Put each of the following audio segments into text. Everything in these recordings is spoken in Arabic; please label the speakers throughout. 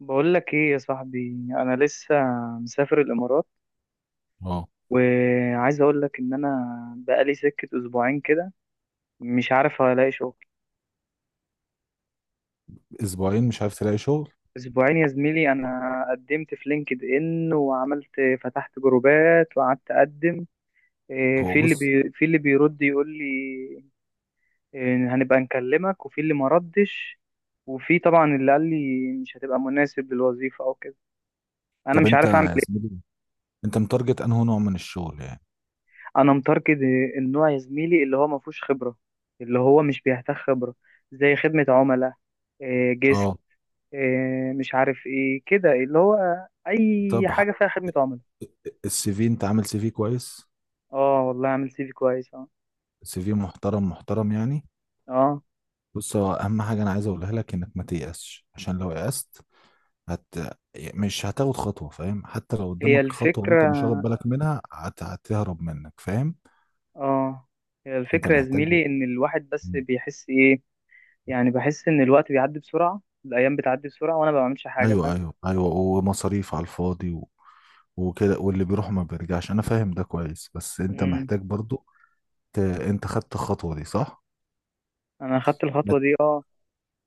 Speaker 1: بقول لك ايه يا صاحبي، انا لسه مسافر الامارات،
Speaker 2: اه
Speaker 1: وعايز اقول لك ان انا بقالي سكة اسبوعين كده، مش عارف هلاقي شغل.
Speaker 2: اسبوعين مش عارف تلاقي شغل؟
Speaker 1: اسبوعين يا زميلي. انا قدمت في لينكد ان، وعملت فتحت جروبات، وقعدت اقدم.
Speaker 2: هو بص.
Speaker 1: في اللي بيرد يقول لي هنبقى نكلمك، وفي اللي ما ردش، وفي طبعا اللي قال لي مش هتبقى مناسب للوظيفة او كده. انا
Speaker 2: طب
Speaker 1: مش
Speaker 2: انت
Speaker 1: عارف اعمل.
Speaker 2: يا زميلي، انت متارجت انه نوع من الشغل يعني.
Speaker 1: انا متاركت النوع يا زميلي اللي هو ما فيهوش خبره، اللي هو مش بيحتاج خبره، زي خدمه عملاء، جيست،
Speaker 2: اه.
Speaker 1: مش عارف ايه كده، اللي هو اي
Speaker 2: طب
Speaker 1: حاجه فيها خدمه عملاء.
Speaker 2: السي في، انت عامل سي في كويس؟
Speaker 1: اه والله عامل سي في كويس، اه.
Speaker 2: سي في محترم محترم يعني.
Speaker 1: اه،
Speaker 2: بص، هو اهم حاجه انا عايز اقولها لك انك ما تيأسش، عشان لو يأست هت مش هتاخد خطوه، فاهم؟ حتى لو
Speaker 1: هي
Speaker 2: قدامك خطوه وانت مش
Speaker 1: الفكره.
Speaker 2: واخد بالك منها هتهرب منك، فاهم؟
Speaker 1: اه، هي
Speaker 2: انت
Speaker 1: الفكره يا
Speaker 2: محتاج.
Speaker 1: زميلي، ان الواحد بس
Speaker 2: مم.
Speaker 1: بيحس ايه. يعني بحس ان الوقت بيعدي بسرعه، الايام بتعدي بسرعه، وانا ما بعملش حاجه، فاهم؟
Speaker 2: ايوه ايوه ايوه، ومصاريف على الفاضي وكده، واللي بيروح ما بيرجعش. انا فاهم ده كويس، بس انت
Speaker 1: مم.
Speaker 2: محتاج برضو انت خدت الخطوة دي صح.
Speaker 1: انا خدت
Speaker 2: ما
Speaker 1: الخطوه
Speaker 2: ت-
Speaker 1: دي، اه.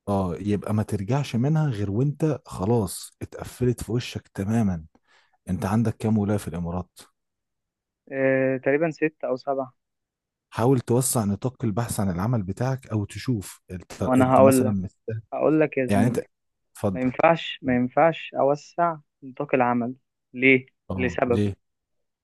Speaker 2: اه، يبقى ما ترجعش منها غير وانت خلاص اتقفلت في وشك تماما. انت عندك كام ولاية في الامارات؟
Speaker 1: تقريبا ست او سبعة.
Speaker 2: حاول توسع نطاق البحث عن العمل بتاعك، او تشوف انت,
Speaker 1: ما انا
Speaker 2: انت مثلا مستاهل.
Speaker 1: هقول لك يا
Speaker 2: يعني
Speaker 1: زميلي،
Speaker 2: انت،
Speaker 1: ما
Speaker 2: اتفضل.
Speaker 1: ينفعش ما ينفعش أوسع نطاق العمل. ليه؟
Speaker 2: اه
Speaker 1: لسبب.
Speaker 2: ليه.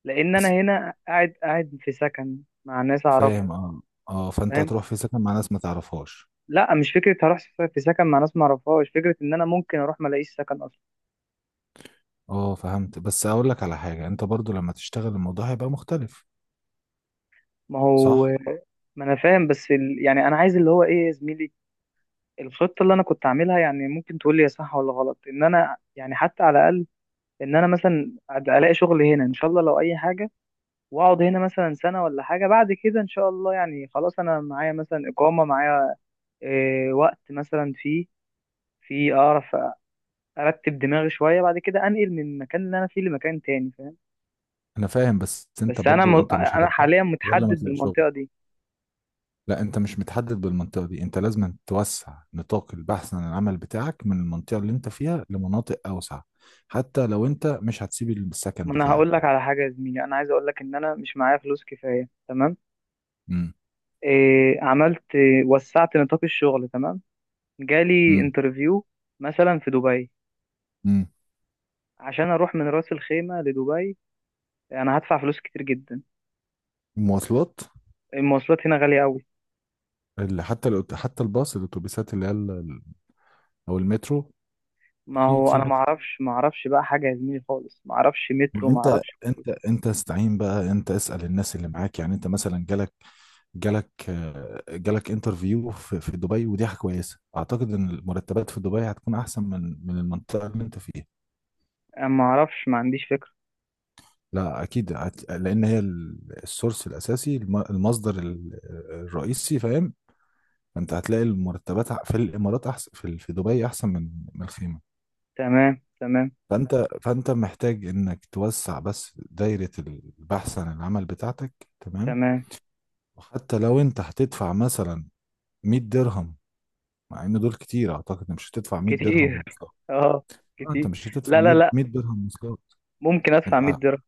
Speaker 1: لأن أنا
Speaker 2: بس
Speaker 1: هنا قاعد قاعد في سكن مع ناس أعرفهم.
Speaker 2: فاهم، اه. اه، فانت
Speaker 1: فاهم؟
Speaker 2: هتروح في سكن مع ناس ما تعرفهاش.
Speaker 1: لا، مش فكرة هروح في سكن مع ناس ما أعرفهاش، فكرة إن أنا ممكن أروح ما ألاقيش سكن أصلا.
Speaker 2: اه فهمت، بس اقول لك على حاجة، انت برضو لما تشتغل الموضوع هيبقى مختلف.
Speaker 1: ما هو،
Speaker 2: صح.
Speaker 1: ما أنا فاهم، بس يعني أنا عايز اللي هو إيه يا زميلي. الخطة اللي أنا كنت عاملها، يعني ممكن تقول لي يا صح ولا غلط، إن أنا يعني حتى على الأقل، إن أنا مثلا ألاقي شغل هنا إن شاء الله لو أي حاجة، واقعد هنا مثلا سنة ولا حاجة، بعد كده ان شاء الله يعني خلاص، انا معايا مثلا اقامة معايا، إيه وقت مثلا، فيه في اعرف ارتب دماغي شوية، بعد كده انقل من المكان اللي انا فيه لمكان تاني، فاهم؟
Speaker 2: انا فاهم، بس انت
Speaker 1: بس انا م...
Speaker 2: برضو انت مش
Speaker 1: انا
Speaker 2: هترتاح
Speaker 1: حاليا
Speaker 2: غير لما
Speaker 1: متحدد
Speaker 2: تلاقي شغل.
Speaker 1: بالمنطقة دي.
Speaker 2: لا، انت مش متحدد بالمنطقه دي، انت لازم توسع نطاق البحث عن العمل بتاعك من المنطقه اللي انت فيها لمناطق اوسع، حتى لو انت مش هتسيب السكن
Speaker 1: ما انا
Speaker 2: بتاعك.
Speaker 1: هقول لك على حاجة يا زميلي، انا عايز اقول لك ان انا مش معايا فلوس كفاية، تمام؟
Speaker 2: امم.
Speaker 1: عملت إيه؟ وسعت نطاق الشغل، تمام. جالي
Speaker 2: امم.
Speaker 1: انترفيو مثلا في دبي،
Speaker 2: امم.
Speaker 1: عشان اروح من راس الخيمة لدبي انا هدفع فلوس كتير جدا.
Speaker 2: المواصلات
Speaker 1: المواصلات هنا غالية قوي.
Speaker 2: اللي حتى الباص، الاتوبيسات اللي هي او المترو.
Speaker 1: ما
Speaker 2: اكيد
Speaker 1: هو
Speaker 2: في
Speaker 1: انا ما
Speaker 2: مترو.
Speaker 1: اعرفش، ما اعرفش بقى حاجه يا زميلي خالص، ما اعرفش مترو ما
Speaker 2: وانت
Speaker 1: اعرفش.
Speaker 2: انت انت استعين بقى، انت اسال الناس اللي معاك. يعني انت مثلا جالك انترفيو في دبي، ودي حاجه كويسه. اعتقد ان المرتبات في دبي هتكون احسن من المنطقه اللي انت فيها.
Speaker 1: أنا ما اعرفش، ما عنديش فكره.
Speaker 2: لا اكيد لان هي السورس الاساسي، المصدر الرئيسي، فاهم؟ فانت هتلاقي المرتبات في الامارات احسن، في في دبي احسن من الخيمه.
Speaker 1: تمام، تمام،
Speaker 2: فانت محتاج انك توسع بس دايره البحث عن العمل بتاعتك. تمام.
Speaker 1: تمام.
Speaker 2: وحتى لو انت هتدفع مثلا 100 درهم، مع ان دول كتير، اعتقد إن مش هتدفع 100
Speaker 1: كتير
Speaker 2: درهم آه،
Speaker 1: اه،
Speaker 2: انت
Speaker 1: كتير.
Speaker 2: مش هتدفع
Speaker 1: لا، لا، لا.
Speaker 2: 100 درهم مواصلات.
Speaker 1: ممكن ادفع
Speaker 2: انت،
Speaker 1: 100 درهم.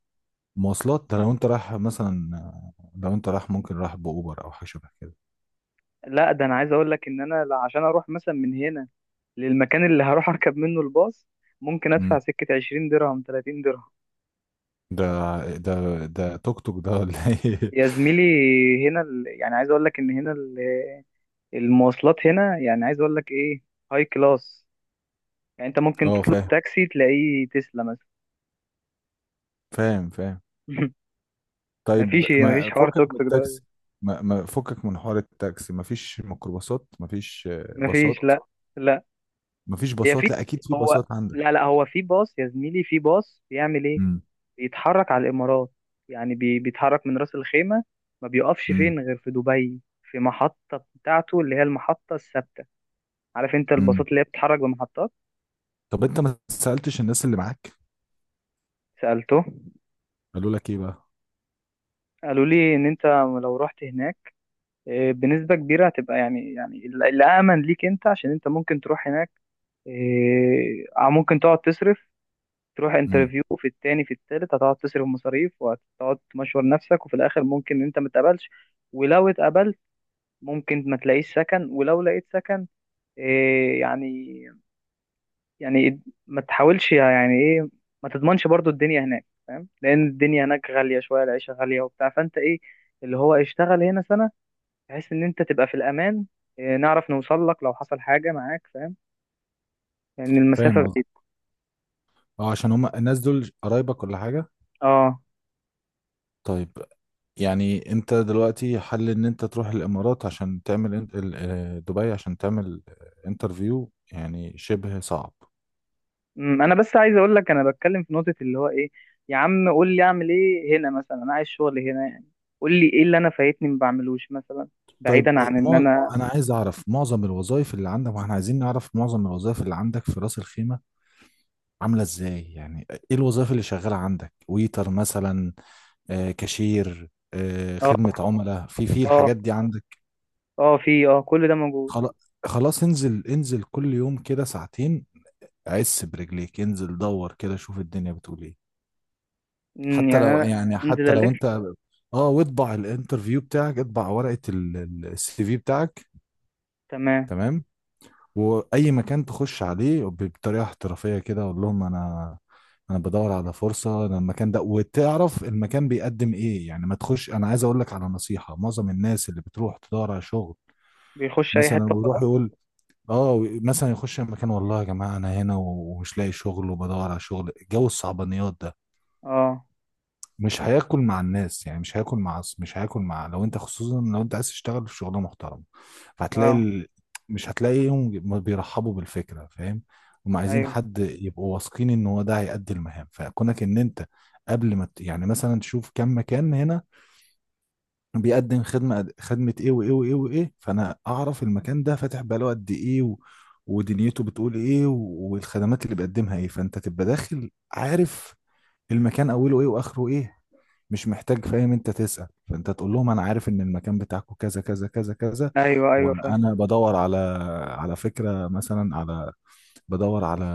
Speaker 2: مواصلات ده لو انت رايح مثلا، آه، لو انت رايح ممكن رايح باوبر او حاجه شبه كده.
Speaker 1: لا، ده انا عايز اقول لك ان انا عشان اروح مثلا من هنا للمكان اللي هروح اركب منه الباص، ممكن ادفع
Speaker 2: امم.
Speaker 1: سكه 20 درهم، 30 درهم.
Speaker 2: ده ده ده توك توك ده ولا ايه؟
Speaker 1: يا زميلي هنا يعني عايز اقول لك ان هنا المواصلات هنا، يعني عايز اقول لك ايه، هاي كلاس، يعني انت ممكن
Speaker 2: اه
Speaker 1: تطلب
Speaker 2: فاهم،
Speaker 1: تاكسي تلاقيه تسلا.
Speaker 2: فاهم فاهم. طيب
Speaker 1: مفيش
Speaker 2: ما
Speaker 1: حوار
Speaker 2: فكك
Speaker 1: توك
Speaker 2: من
Speaker 1: توك ده.
Speaker 2: التاكسي. ما فكك من حوار التاكسي. ما فيش ميكروباصات، ما فيش آه،
Speaker 1: مفيش،
Speaker 2: باصات.
Speaker 1: لا. لا.
Speaker 2: ما فيش
Speaker 1: هي
Speaker 2: باصات؟
Speaker 1: في
Speaker 2: لا اكيد في
Speaker 1: هو
Speaker 2: باصات عندك.
Speaker 1: لا، لا، هو في باص يا زميلي، في باص بيعمل ايه؟
Speaker 2: امم.
Speaker 1: بيتحرك على الامارات. يعني بيتحرك من راس الخيمه، ما بيقفش
Speaker 2: امم.
Speaker 1: فين غير في دبي، في محطه بتاعته اللي هي المحطه الثابته. عارف انت
Speaker 2: امم.
Speaker 1: الباصات اللي هي بتتحرك بمحطات.
Speaker 2: طب انت ما سالتش الناس اللي معاك؟
Speaker 1: سالته.
Speaker 2: قالوا لك ايه بقى؟
Speaker 1: قالوا لي ان انت لو رحت هناك بنسبه كبيره هتبقى، يعني يعني الامن ليك انت، عشان انت ممكن تروح هناك ممكن تقعد تصرف، تروح
Speaker 2: امم.
Speaker 1: انترفيو في التاني في التالت، هتقعد تصرف مصاريف، وهتقعد تمشور نفسك، وفي الاخر ممكن انت ما تقبلش. ولو اتقبلت ممكن ما تلاقيش سكن، ولو لقيت سكن إيه يعني يعني ما تحاولش يعني ايه، ما تضمنش برضو الدنيا هناك، فاهم؟ لان الدنيا هناك غالية شوية، العيشة غالية وبتاع، فانت ايه اللي هو اشتغل هنا سنة، بحيث ان انت تبقى في الامان. نعرف نوصل لك لو حصل حاجة معاك، فاهم؟ لان المسافة
Speaker 2: فاهم قصدي.
Speaker 1: بعيدة.
Speaker 2: اه، عشان هم الناس دول قرايبك ولا حاجه؟
Speaker 1: اه.
Speaker 2: طيب. يعني انت دلوقتي حل ان انت تروح الامارات عشان تعمل دبي عشان تعمل انترفيو، يعني شبه صعب.
Speaker 1: انا بس عايز اقول لك انا بتكلم في نقطه اللي هو ايه. يا عم قول لي اعمل ايه هنا مثلا، انا عايز شغل هنا يعني، قول لي ايه اللي انا فايتني ما بعملوش مثلا،
Speaker 2: طيب
Speaker 1: بعيدا عن ان
Speaker 2: ما
Speaker 1: انا.
Speaker 2: انا عايز اعرف معظم الوظائف اللي عندك، واحنا عايزين نعرف معظم الوظائف اللي عندك في راس الخيمة عاملة ازاي. يعني ايه الوظائف اللي شغالة عندك؟ ويتر مثلا، آه، كاشير، آه، خدمة
Speaker 1: اه،
Speaker 2: عملاء، في
Speaker 1: اه،
Speaker 2: الحاجات دي عندك.
Speaker 1: اه. في كل ده موجود.
Speaker 2: خلاص. خلاص انزل، انزل كل يوم كده ساعتين، عس برجليك، انزل دور كده، شوف الدنيا بتقول ايه. حتى
Speaker 1: يعني
Speaker 2: لو
Speaker 1: انا
Speaker 2: يعني
Speaker 1: انزل
Speaker 2: حتى لو
Speaker 1: الف،
Speaker 2: انت، اه، واطبع الانترفيو بتاعك، اطبع ورقة السي في بتاعك.
Speaker 1: تمام.
Speaker 2: تمام. واي مكان تخش عليه بطريقة احترافية كده، اقول لهم انا، انا بدور على فرصة، أنا المكان ده، وتعرف المكان بيقدم ايه، يعني ما تخش. انا عايز اقول لك على نصيحة. معظم الناس اللي بتروح تدور على شغل
Speaker 1: بيخش اي
Speaker 2: مثلا،
Speaker 1: حته
Speaker 2: ويروح
Speaker 1: خلاص،
Speaker 2: يقول اه مثلا يخش المكان، والله يا جماعة انا هنا ومش لاقي شغل وبدور على شغل، جو الصعبانيات ده
Speaker 1: اه،
Speaker 2: مش هياكل مع الناس. يعني مش هياكل مع مش هياكل مع لو انت، خصوصا لو انت عايز تشتغل في شغلانه محترمه، فهتلاقي،
Speaker 1: اه.
Speaker 2: ال... مش هتلاقيهم ما بيرحبوا بالفكره، فاهم؟ هم عايزين
Speaker 1: ايوه،
Speaker 2: حد يبقوا واثقين ان هو ده هيأدي المهام. فكونك ان انت، قبل ما ت- يعني مثلا تشوف كم مكان هنا بيقدم خدمه، خدمه ايه وايه وايه وايه، فانا اعرف المكان ده فاتح بقاله قد ايه، و... ودنيته بتقول ايه، و... والخدمات اللي بيقدمها ايه، فانت تبقى داخل عارف المكان اوله ايه واخره ايه. مش محتاج، فاهم، انت تسأل. فانت تقول لهم انا عارف ان المكان بتاعكم كذا كذا كذا كذا،
Speaker 1: ايوه، ايوه، فاهم.
Speaker 2: وانا بدور على، على فكرة مثلا، على، بدور على،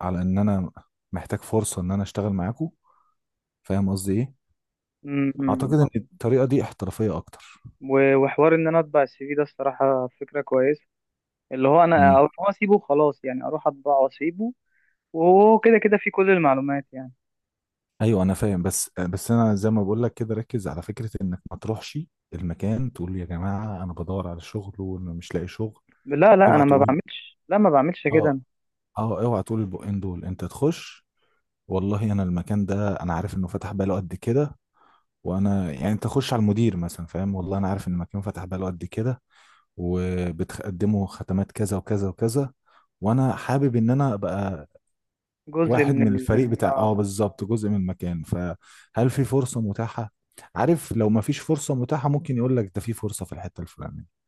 Speaker 2: على ان انا محتاج فرصة ان انا اشتغل معاكم، فاهم قصدي ايه.
Speaker 1: أمم.
Speaker 2: اعتقد
Speaker 1: أمم.
Speaker 2: ان الطريقة دي احترافية اكتر.
Speaker 1: وحوار ان انا اطبع السي في ده الصراحه فكره كويسه. اللي هو انا، او
Speaker 2: امم.
Speaker 1: إن هو اسيبه خلاص يعني اروح اطبعه واسيبه، وهو كده كده في كل المعلومات يعني.
Speaker 2: ايوه انا فاهم، بس انا زي ما بقول لك كده، ركز على فكرة انك ما تروحش المكان تقول يا جماعة انا بدور على شغل ومش لاقي شغل.
Speaker 1: لا، لا،
Speaker 2: اوعى
Speaker 1: انا ما
Speaker 2: تقول.
Speaker 1: بعملش، لا ما بعملش كده
Speaker 2: اه.
Speaker 1: أنا.
Speaker 2: اه اوعى تقول البقين دول. انت تخش والله انا المكان ده انا عارف انه فتح بقاله قد كده، وانا يعني انت خش على المدير مثلا، فاهم، والله انا عارف ان المكان فتح بقاله قد كده وبتقدموا ختمات كذا وكذا وكذا، وانا حابب ان انا ابقى
Speaker 1: جزء
Speaker 2: واحد
Speaker 1: من
Speaker 2: من
Speaker 1: ال
Speaker 2: الفريق بتاع،
Speaker 1: اه،
Speaker 2: اه بالظبط، جزء من المكان، فهل في فرصة متاحة؟ عارف، لو ما فيش فرصة متاحة ممكن يقول لك ده في فرصة في الحتة الفلانية،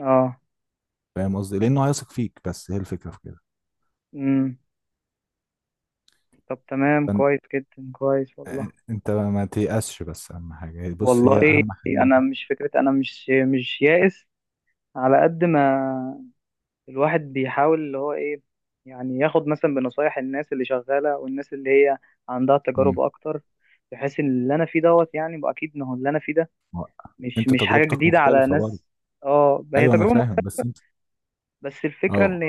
Speaker 1: اه.
Speaker 2: فاهم قصدي، لانه هيثق فيك. بس هي الفكرة في كده.
Speaker 1: امم طب تمام
Speaker 2: فانت،
Speaker 1: كويس جدا، كويس والله.
Speaker 2: انت ما تيأسش، بس اهم حاجة بص،
Speaker 1: والله
Speaker 2: هي اهم حاجة انك
Speaker 1: انا مش فكره، انا مش يائس، على قد ما الواحد بيحاول اللي هو ايه، يعني ياخد مثلا بنصايح الناس اللي شغاله والناس اللي هي عندها تجارب اكتر، بحيث ان اللي انا فيه دوت يعني بقى، اكيد ما هو اللي انا فيه ده
Speaker 2: ما-
Speaker 1: مش
Speaker 2: انت
Speaker 1: مش حاجه
Speaker 2: تجربتك
Speaker 1: جديده على
Speaker 2: مختلفة برضه.
Speaker 1: ناس. اه، هي
Speaker 2: ايوه انا
Speaker 1: تجربه
Speaker 2: فاهم بس انت،
Speaker 1: بس الفكرة
Speaker 2: اه.
Speaker 1: ان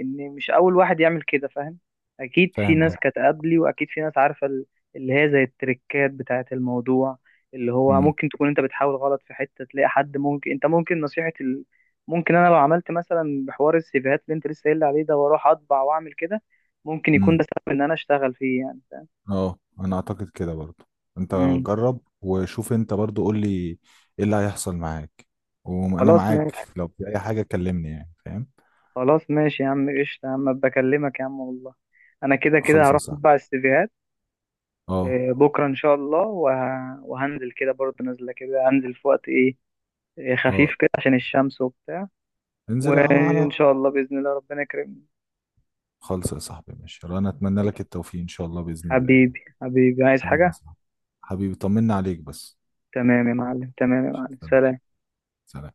Speaker 1: ان مش اول واحد يعمل كده، فاهم؟ اكيد في
Speaker 2: فاهم
Speaker 1: ناس
Speaker 2: قصدي.
Speaker 1: كانت قبلي، واكيد في ناس عارفة اللي هي زي التريكات بتاعة الموضوع، اللي هو
Speaker 2: امم.
Speaker 1: ممكن تكون انت بتحاول غلط في حتة، تلاقي حد ممكن انت، ممكن نصيحة ممكن انا لو عملت مثلا بحوار السيفيهات اللي انت لسه قايل لي عليه ده، واروح اطبع واعمل كده، ممكن يكون ده
Speaker 2: امم.
Speaker 1: سبب ان انا اشتغل فيه يعني، فاهم؟
Speaker 2: اه انا اعتقد كده برضه. انت
Speaker 1: مم.
Speaker 2: جرب وشوف، انت برضه قول لي ايه اللي هيحصل معاك، وانا
Speaker 1: خلاص
Speaker 2: معاك
Speaker 1: ماشي.
Speaker 2: لو في اي حاجة كلمني يعني، فاهم.
Speaker 1: خلاص ماشي يا عم، قشطة يا عم، بكلمك يا عم والله. انا كده كده
Speaker 2: خلص يا
Speaker 1: هروح
Speaker 2: صاحبي.
Speaker 1: اطبع السيفيهات.
Speaker 2: اه.
Speaker 1: بكرة إن شاء الله وهنزل كده برضه، نازلة كده هنزل في وقت خفيف
Speaker 2: اه،
Speaker 1: كده عشان الشمس وبتاع.
Speaker 2: انزل على.
Speaker 1: وإن شاء الله بإذن الله ربنا يكرمني.
Speaker 2: خلص يا صاحبي، ماشي، انا اتمنى لك التوفيق ان شاء الله بإذن الله يعني.
Speaker 1: حبيبي، حبيبي، عايز
Speaker 2: حبيبي يا
Speaker 1: حاجة؟
Speaker 2: صاحبي، حبيبي، طمنا عليك بس.
Speaker 1: تمام يا معلم، تمام يا معلم،
Speaker 2: سلام.
Speaker 1: سلام.
Speaker 2: سلام.